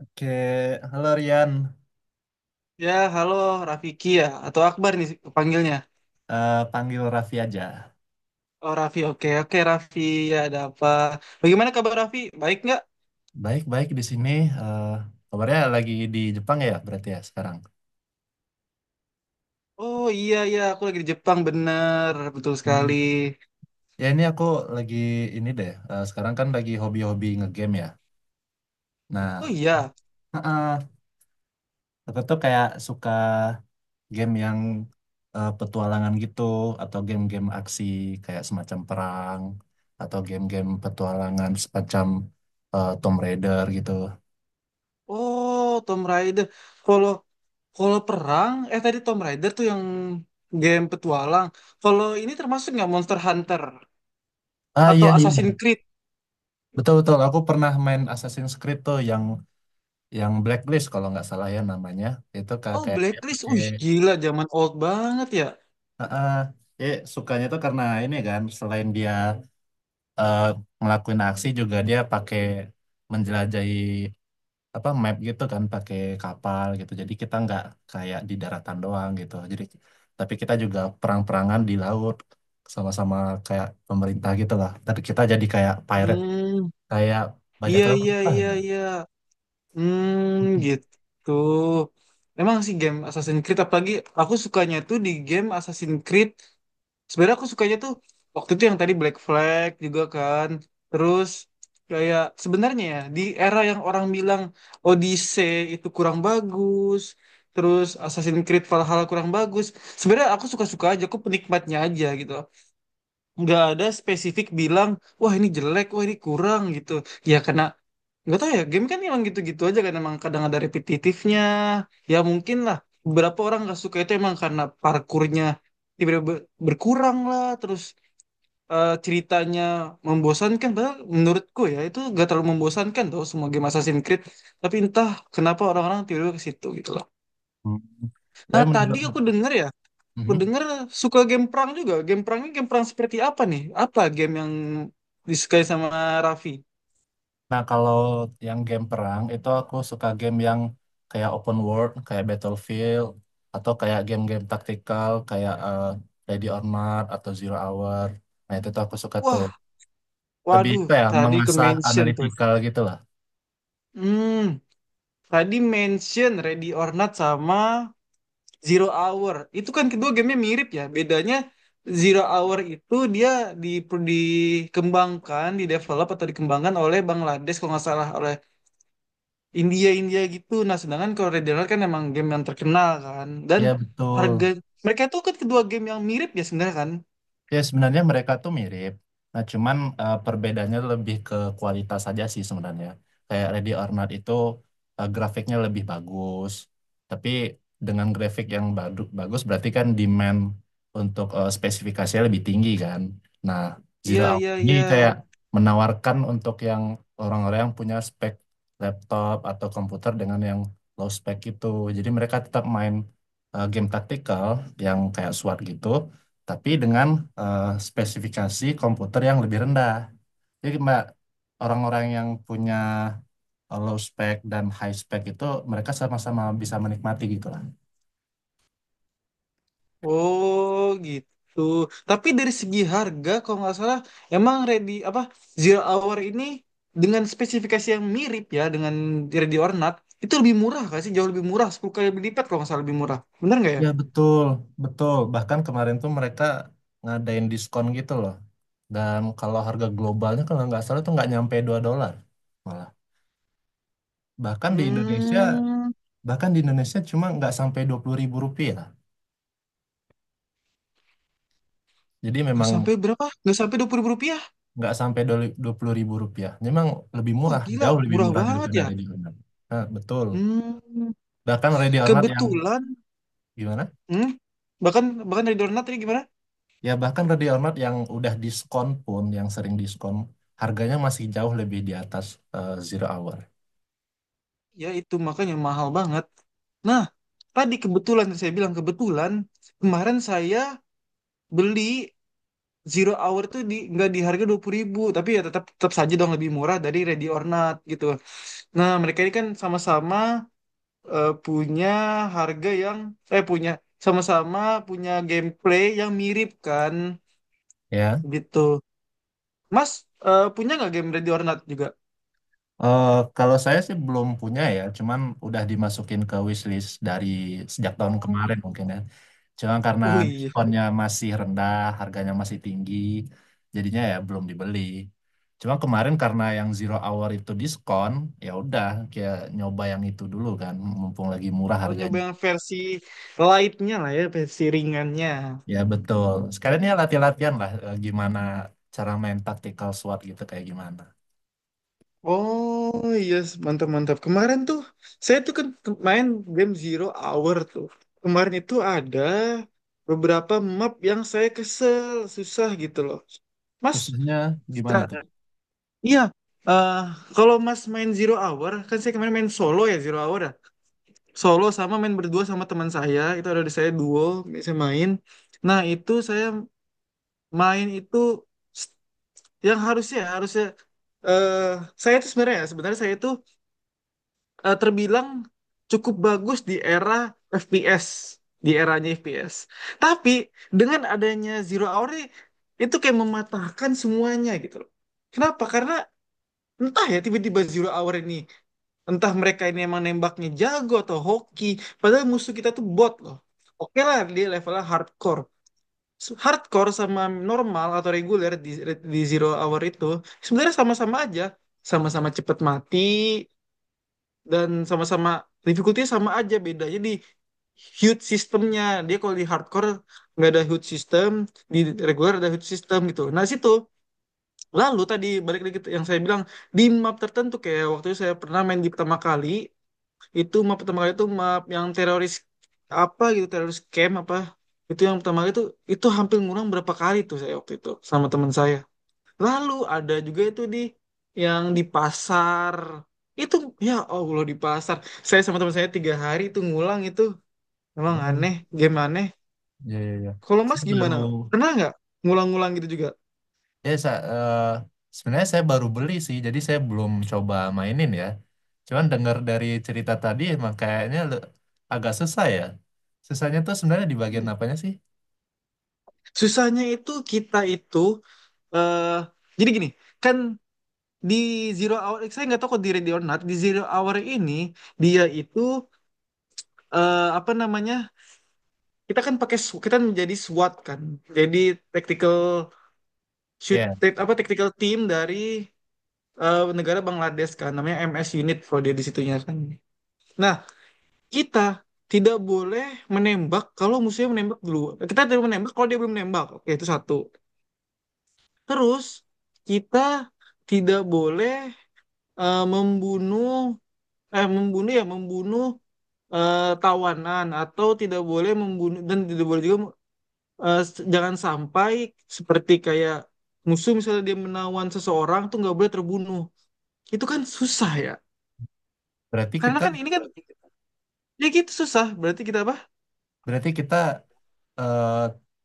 Oke, halo Rian. Ya, halo Rafiki ya, atau Akbar nih panggilnya. Panggil Raffi aja. Oh Raffi, oke oke Raffi, ya ada apa? Bagaimana kabar Raffi? Baik nggak? Baik-baik di sini. eh, Kabarnya lagi di Jepang ya, berarti ya sekarang. Oh iya iya, aku lagi di Jepang bener, betul Hmm. sekali. Ya ini aku lagi ini deh. Sekarang kan lagi hobi-hobi ngegame ya. Oh Nah, iya, heeh, aku tuh kayak suka game yang petualangan gitu, atau game-game aksi kayak semacam perang, atau game-game petualangan semacam Tomb Raider gitu. oh Tom Raider. Kalau kalau perang, tadi Tom Raider tuh yang game petualang. Kalau ini termasuk nggak Monster Hunter Ah atau iya, Assassin's iya. Creed? Betul betul. Aku pernah main Assassin's Creed tuh yang blacklist kalau nggak salah ya namanya, itu kayak Oh kayak dia Blacklist, pakai. wih gila, zaman old banget ya. Ah, ah. Sukanya tuh karena ini kan selain dia, eh, ngelakuin aksi juga dia pakai menjelajahi apa map gitu kan, pakai kapal gitu, jadi kita nggak kayak di daratan doang gitu, jadi tapi kita juga perang-perangan di laut sama-sama kayak pemerintah gitu lah, tapi kita jadi kayak pirate, Hmm, kayak bajak iya laut iya lah iya gitu. iya. Hmm, gitu. Emang sih game Assassin's Creed, apalagi aku sukanya tuh di game Assassin's Creed. Sebenarnya aku sukanya tuh waktu itu yang tadi Black Flag juga kan. Terus kayak sebenarnya ya di era yang orang bilang Odyssey itu kurang bagus, terus Assassin's Creed Valhalla kurang bagus. Sebenarnya aku suka-suka aja, aku penikmatnya aja gitu. Nggak ada spesifik bilang, wah ini jelek, wah ini kurang gitu. Ya karena nggak tahu ya, game kan emang gitu-gitu aja kan, emang kadang ada repetitifnya. Ya mungkin lah, beberapa orang nggak suka itu emang karena parkurnya tiba-tiba berkurang lah, terus ceritanya membosankan. Padahal menurutku ya itu nggak terlalu membosankan tuh semua game Assassin's Creed. Tapi entah kenapa orang-orang tiba-tiba ke situ gitu loh. Hmm. Tapi Nah tadi menurut... aku denger ya, aku Mhm. denger suka game perang juga. Game perangnya game perang seperti apa nih? Apa game yang disukai sama Raffi? Nah, kalau yang game perang itu aku suka game yang kayak open world, kayak Battlefield, atau kayak game-game taktikal kayak Ready or Not atau Zero Hour. Nah, itu tuh aku suka tuh. Wah, Lebih waduh, apa ya, tadi ke mengasah mention tuh. analytical gitu lah. Hmm, Tadi mention Ready or Not sama Zero Hour. Itu kan kedua gamenya mirip ya. Bedanya Zero Hour itu dia di, dikembangkan, didevelop atau dikembangkan oleh Bangladesh kalau nggak salah, oleh India India gitu. Nah, sedangkan kalau Ready or Not kan emang game yang terkenal kan. Dan Iya, betul. harga mereka itu kan kedua game yang mirip ya sebenarnya kan. Ya sebenarnya mereka tuh mirip. Nah cuman perbedaannya lebih ke kualitas saja sih sebenarnya. Kayak Ready or Not itu grafiknya lebih bagus. Tapi dengan grafik yang bagus berarti kan demand untuk spesifikasinya lebih tinggi kan. Nah Iya Zero Hour iya ini iya. kayak menawarkan untuk yang orang-orang yang punya spek laptop atau komputer dengan yang low spek itu. Jadi mereka tetap main game taktikal yang kayak SWAT gitu, tapi dengan spesifikasi komputer yang lebih rendah. Jadi Mbak, orang-orang yang punya low spec dan high spec itu, mereka sama-sama bisa menikmati gitu lah. Oh gitu. Tapi dari segi harga, kalau nggak salah, emang ready apa Zero Hour ini dengan spesifikasi yang mirip ya dengan Ready or Not, itu lebih murah nggak sih? Jauh lebih murah, 10 kali lipat kalau nggak salah lebih murah. Bener nggak ya? Ya betul, betul. Bahkan kemarin tuh mereka ngadain diskon gitu loh. Dan kalau harga globalnya kalau nggak salah tuh nggak nyampe $2 malah. Bahkan di Indonesia, Hmm, bahkan di Indonesia cuma nggak sampai Rp20.000. Jadi nggak memang sampai berapa? Nggak sampai 20.000 rupiah? nggak sampai dua puluh ribu rupiah. Memang lebih Wah murah, gila, jauh lebih murah murah banget daripada ya. ready or not. Nah, betul. Hmm, Bahkan ready or not yang kebetulan, gimana? hmm, bahkan bahkan Ready or Not ini gimana? Ya bahkan ready or not yang udah diskon pun, yang sering diskon, harganya masih jauh lebih di atas zero hour. Ya itu makanya mahal banget. Nah, tadi kebetulan saya bilang, kebetulan kemarin saya beli Zero Hour tuh di nggak di harga 20.000, tapi ya tetap tetap saja dong lebih murah dari Ready or Not gitu. Nah, mereka ini kan sama-sama punya harga yang punya sama-sama punya gameplay yang mirip kan Ya. gitu. Mas, punya nggak game Ready or Not juga? Eh, Kalau saya sih belum punya ya, cuman udah dimasukin ke wishlist dari sejak tahun kemarin mungkin ya. Cuman karena Oh iya, diskonnya masih rendah, harganya masih tinggi, jadinya ya belum dibeli. Cuma kemarin karena yang zero hour itu diskon, ya udah kayak nyoba yang itu dulu kan, mumpung lagi murah oh nyoba harganya. yang versi lightnya lah ya, versi ringannya. Ya betul. Sekalian ya latihan-latihan lah gimana cara main tactical SWAT gitu kayak gimana. Oh iya, yes. Mantap mantap. Kemarin tuh saya tuh kan main game Zero Hour tuh. Kemarin itu ada beberapa map yang saya kesel, susah gitu loh. Mas, Susahnya gimana Kak, tuh? iya. eh kalau Mas main Zero Hour, kan saya kemarin main solo ya Zero Hour ya. Solo sama main berdua sama teman saya, itu ada di saya duo, saya main. Nah, itu saya main itu s- yang harusnya, eh saya itu sebenarnya ya, sebenarnya saya itu terbilang cukup bagus di era FPS, di eranya FPS. Tapi dengan adanya Zero Hour ini, itu kayak mematahkan semuanya gitu loh. Kenapa? Karena entah ya tiba-tiba Zero Hour ini, entah mereka ini emang nembaknya jago atau hoki, padahal musuh kita tuh bot loh. Oke lah dia levelnya hardcore. Hardcore sama normal atau reguler di Zero Hour itu sebenarnya sama-sama aja. Sama-sama cepet mati, dan sama-sama difficulty sama aja, bedanya di hud sistemnya dia. Kalau di hardcore nggak ada hud system, di regular ada hud system gitu. Nah situ, lalu tadi balik lagi yang saya bilang di map tertentu, kayak waktu itu saya pernah main di pertama kali. Itu map pertama kali, itu map yang teroris apa gitu, teroris camp apa itu yang pertama kali itu hampir ngurang berapa kali tuh saya waktu itu sama teman saya. Lalu ada juga itu di yang di pasar. Itu ya Allah di pasar. Saya sama teman saya tiga hari itu ngulang itu. Emang Oh, aneh, game aneh. ya ya ya. Kalau Mas Saya baru... gimana? Pernah nggak ngulang-ngulang gitu juga? Ya, sa eh, Sebenarnya saya baru beli sih, jadi saya belum coba mainin ya. Cuman dengar dari cerita tadi, emang kayaknya agak susah ya. Susahnya tuh sebenarnya di bagian Hmm. apanya sih? Susahnya itu kita itu eh jadi gini, kan di Zero Hour saya nggak tahu kok di Ready or Not, di Zero Hour ini dia itu apa namanya? Kita kan pakai kita menjadi SWAT kan. Jadi tactical shoot Ya, apa tactical team dari negara Bangladesh kan namanya MS Unit kalau dia di situnya kan. Nah, kita tidak boleh menembak kalau musuhnya menembak dulu. Kita tidak menembak kalau dia belum menembak. Oke, itu satu. Terus kita tidak boleh membunuh, membunuh ya membunuh tawanan, atau tidak boleh membunuh, dan tidak boleh juga jangan sampai seperti kayak musuh misalnya dia menawan seseorang tuh nggak boleh terbunuh. Itu kan susah ya. berarti Karena kan ini kan, ya gitu susah. Berarti kita apa? Kita eh,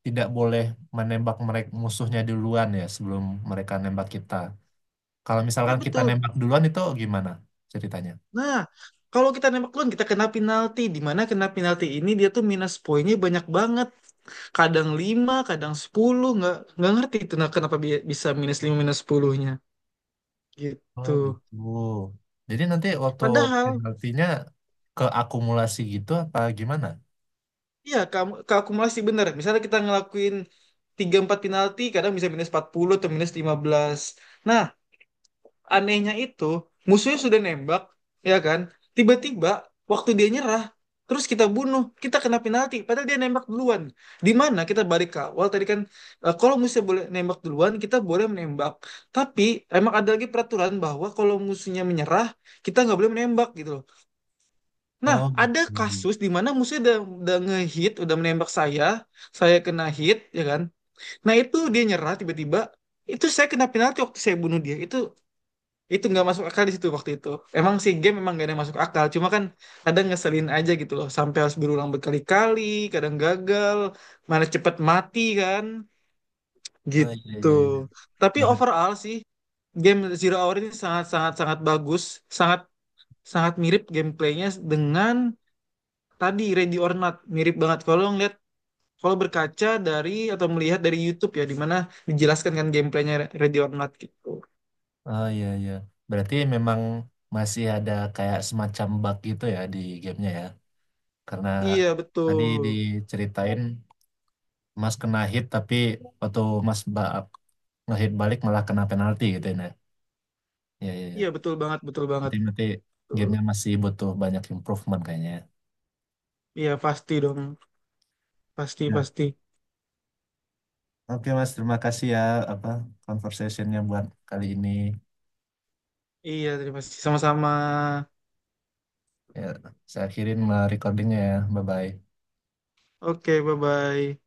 tidak boleh menembak mereka musuhnya duluan ya, sebelum mereka nembak kita. Kalau Iya misalkan kita betul. nembak duluan itu gimana ceritanya? Nah, kalau kita nembak duluan kita kena penalti. Di mana kena penalti ini dia tuh minus poinnya banyak banget. Kadang 5, kadang 10. Nggak ngerti itu nah, kenapa bisa minus 5 minus 10-nya. Gitu. Oh gitu. Jadi nanti waktu Padahal, penaltinya keakumulasi gitu apa gimana? iya kamu keakumulasi bener. Misalnya kita ngelakuin 3 4 penalti, kadang bisa minus 40 atau minus 15. Nah, anehnya itu musuhnya sudah nembak ya kan, tiba-tiba waktu dia nyerah terus kita bunuh kita kena penalti, padahal dia nembak duluan. Di mana kita balik ke awal tadi kan, kalau musuhnya boleh nembak duluan kita boleh menembak, tapi emang ada lagi peraturan bahwa kalau musuhnya menyerah kita nggak boleh menembak gitu loh. Nah Oh ada gitu. kasus di mana musuhnya udah ngehit, udah menembak saya kena hit ya kan. Nah itu dia nyerah tiba-tiba, itu saya kena penalti waktu saya bunuh dia. Itu nggak masuk akal di situ waktu itu. Emang sih game memang gak ada yang masuk akal, cuma kan kadang ngeselin aja gitu loh, sampai harus berulang berkali-kali, kadang gagal, mana cepet mati kan, Oh iya gitu. iya iya. Tapi Ber- overall sih game Zero Hour ini sangat-sangat sangat bagus, sangat sangat mirip gameplaynya dengan tadi Ready or Not, mirip banget kalau ngeliat, kalau berkaca dari atau melihat dari YouTube ya, di mana dijelaskan kan gameplaynya Ready or Not gitu. oh iya iya. Berarti memang masih ada kayak semacam bug gitu ya di gamenya ya. Karena Iya tadi betul, diceritain Mas kena hit tapi waktu Mas ngehit balik malah kena penalti gitu ya. Nah. Iya iya iya. iya betul banget, betul banget. Berarti berarti gamenya masih butuh banyak improvement kayaknya ya. Iya pasti dong, pasti Ya. pasti. Oke Mas, terima kasih ya apa conversationnya buat kali ini. Iya terima kasih sama-sama. Ya, saya akhirin recordingnya ya. Bye bye. Oke, bye bye.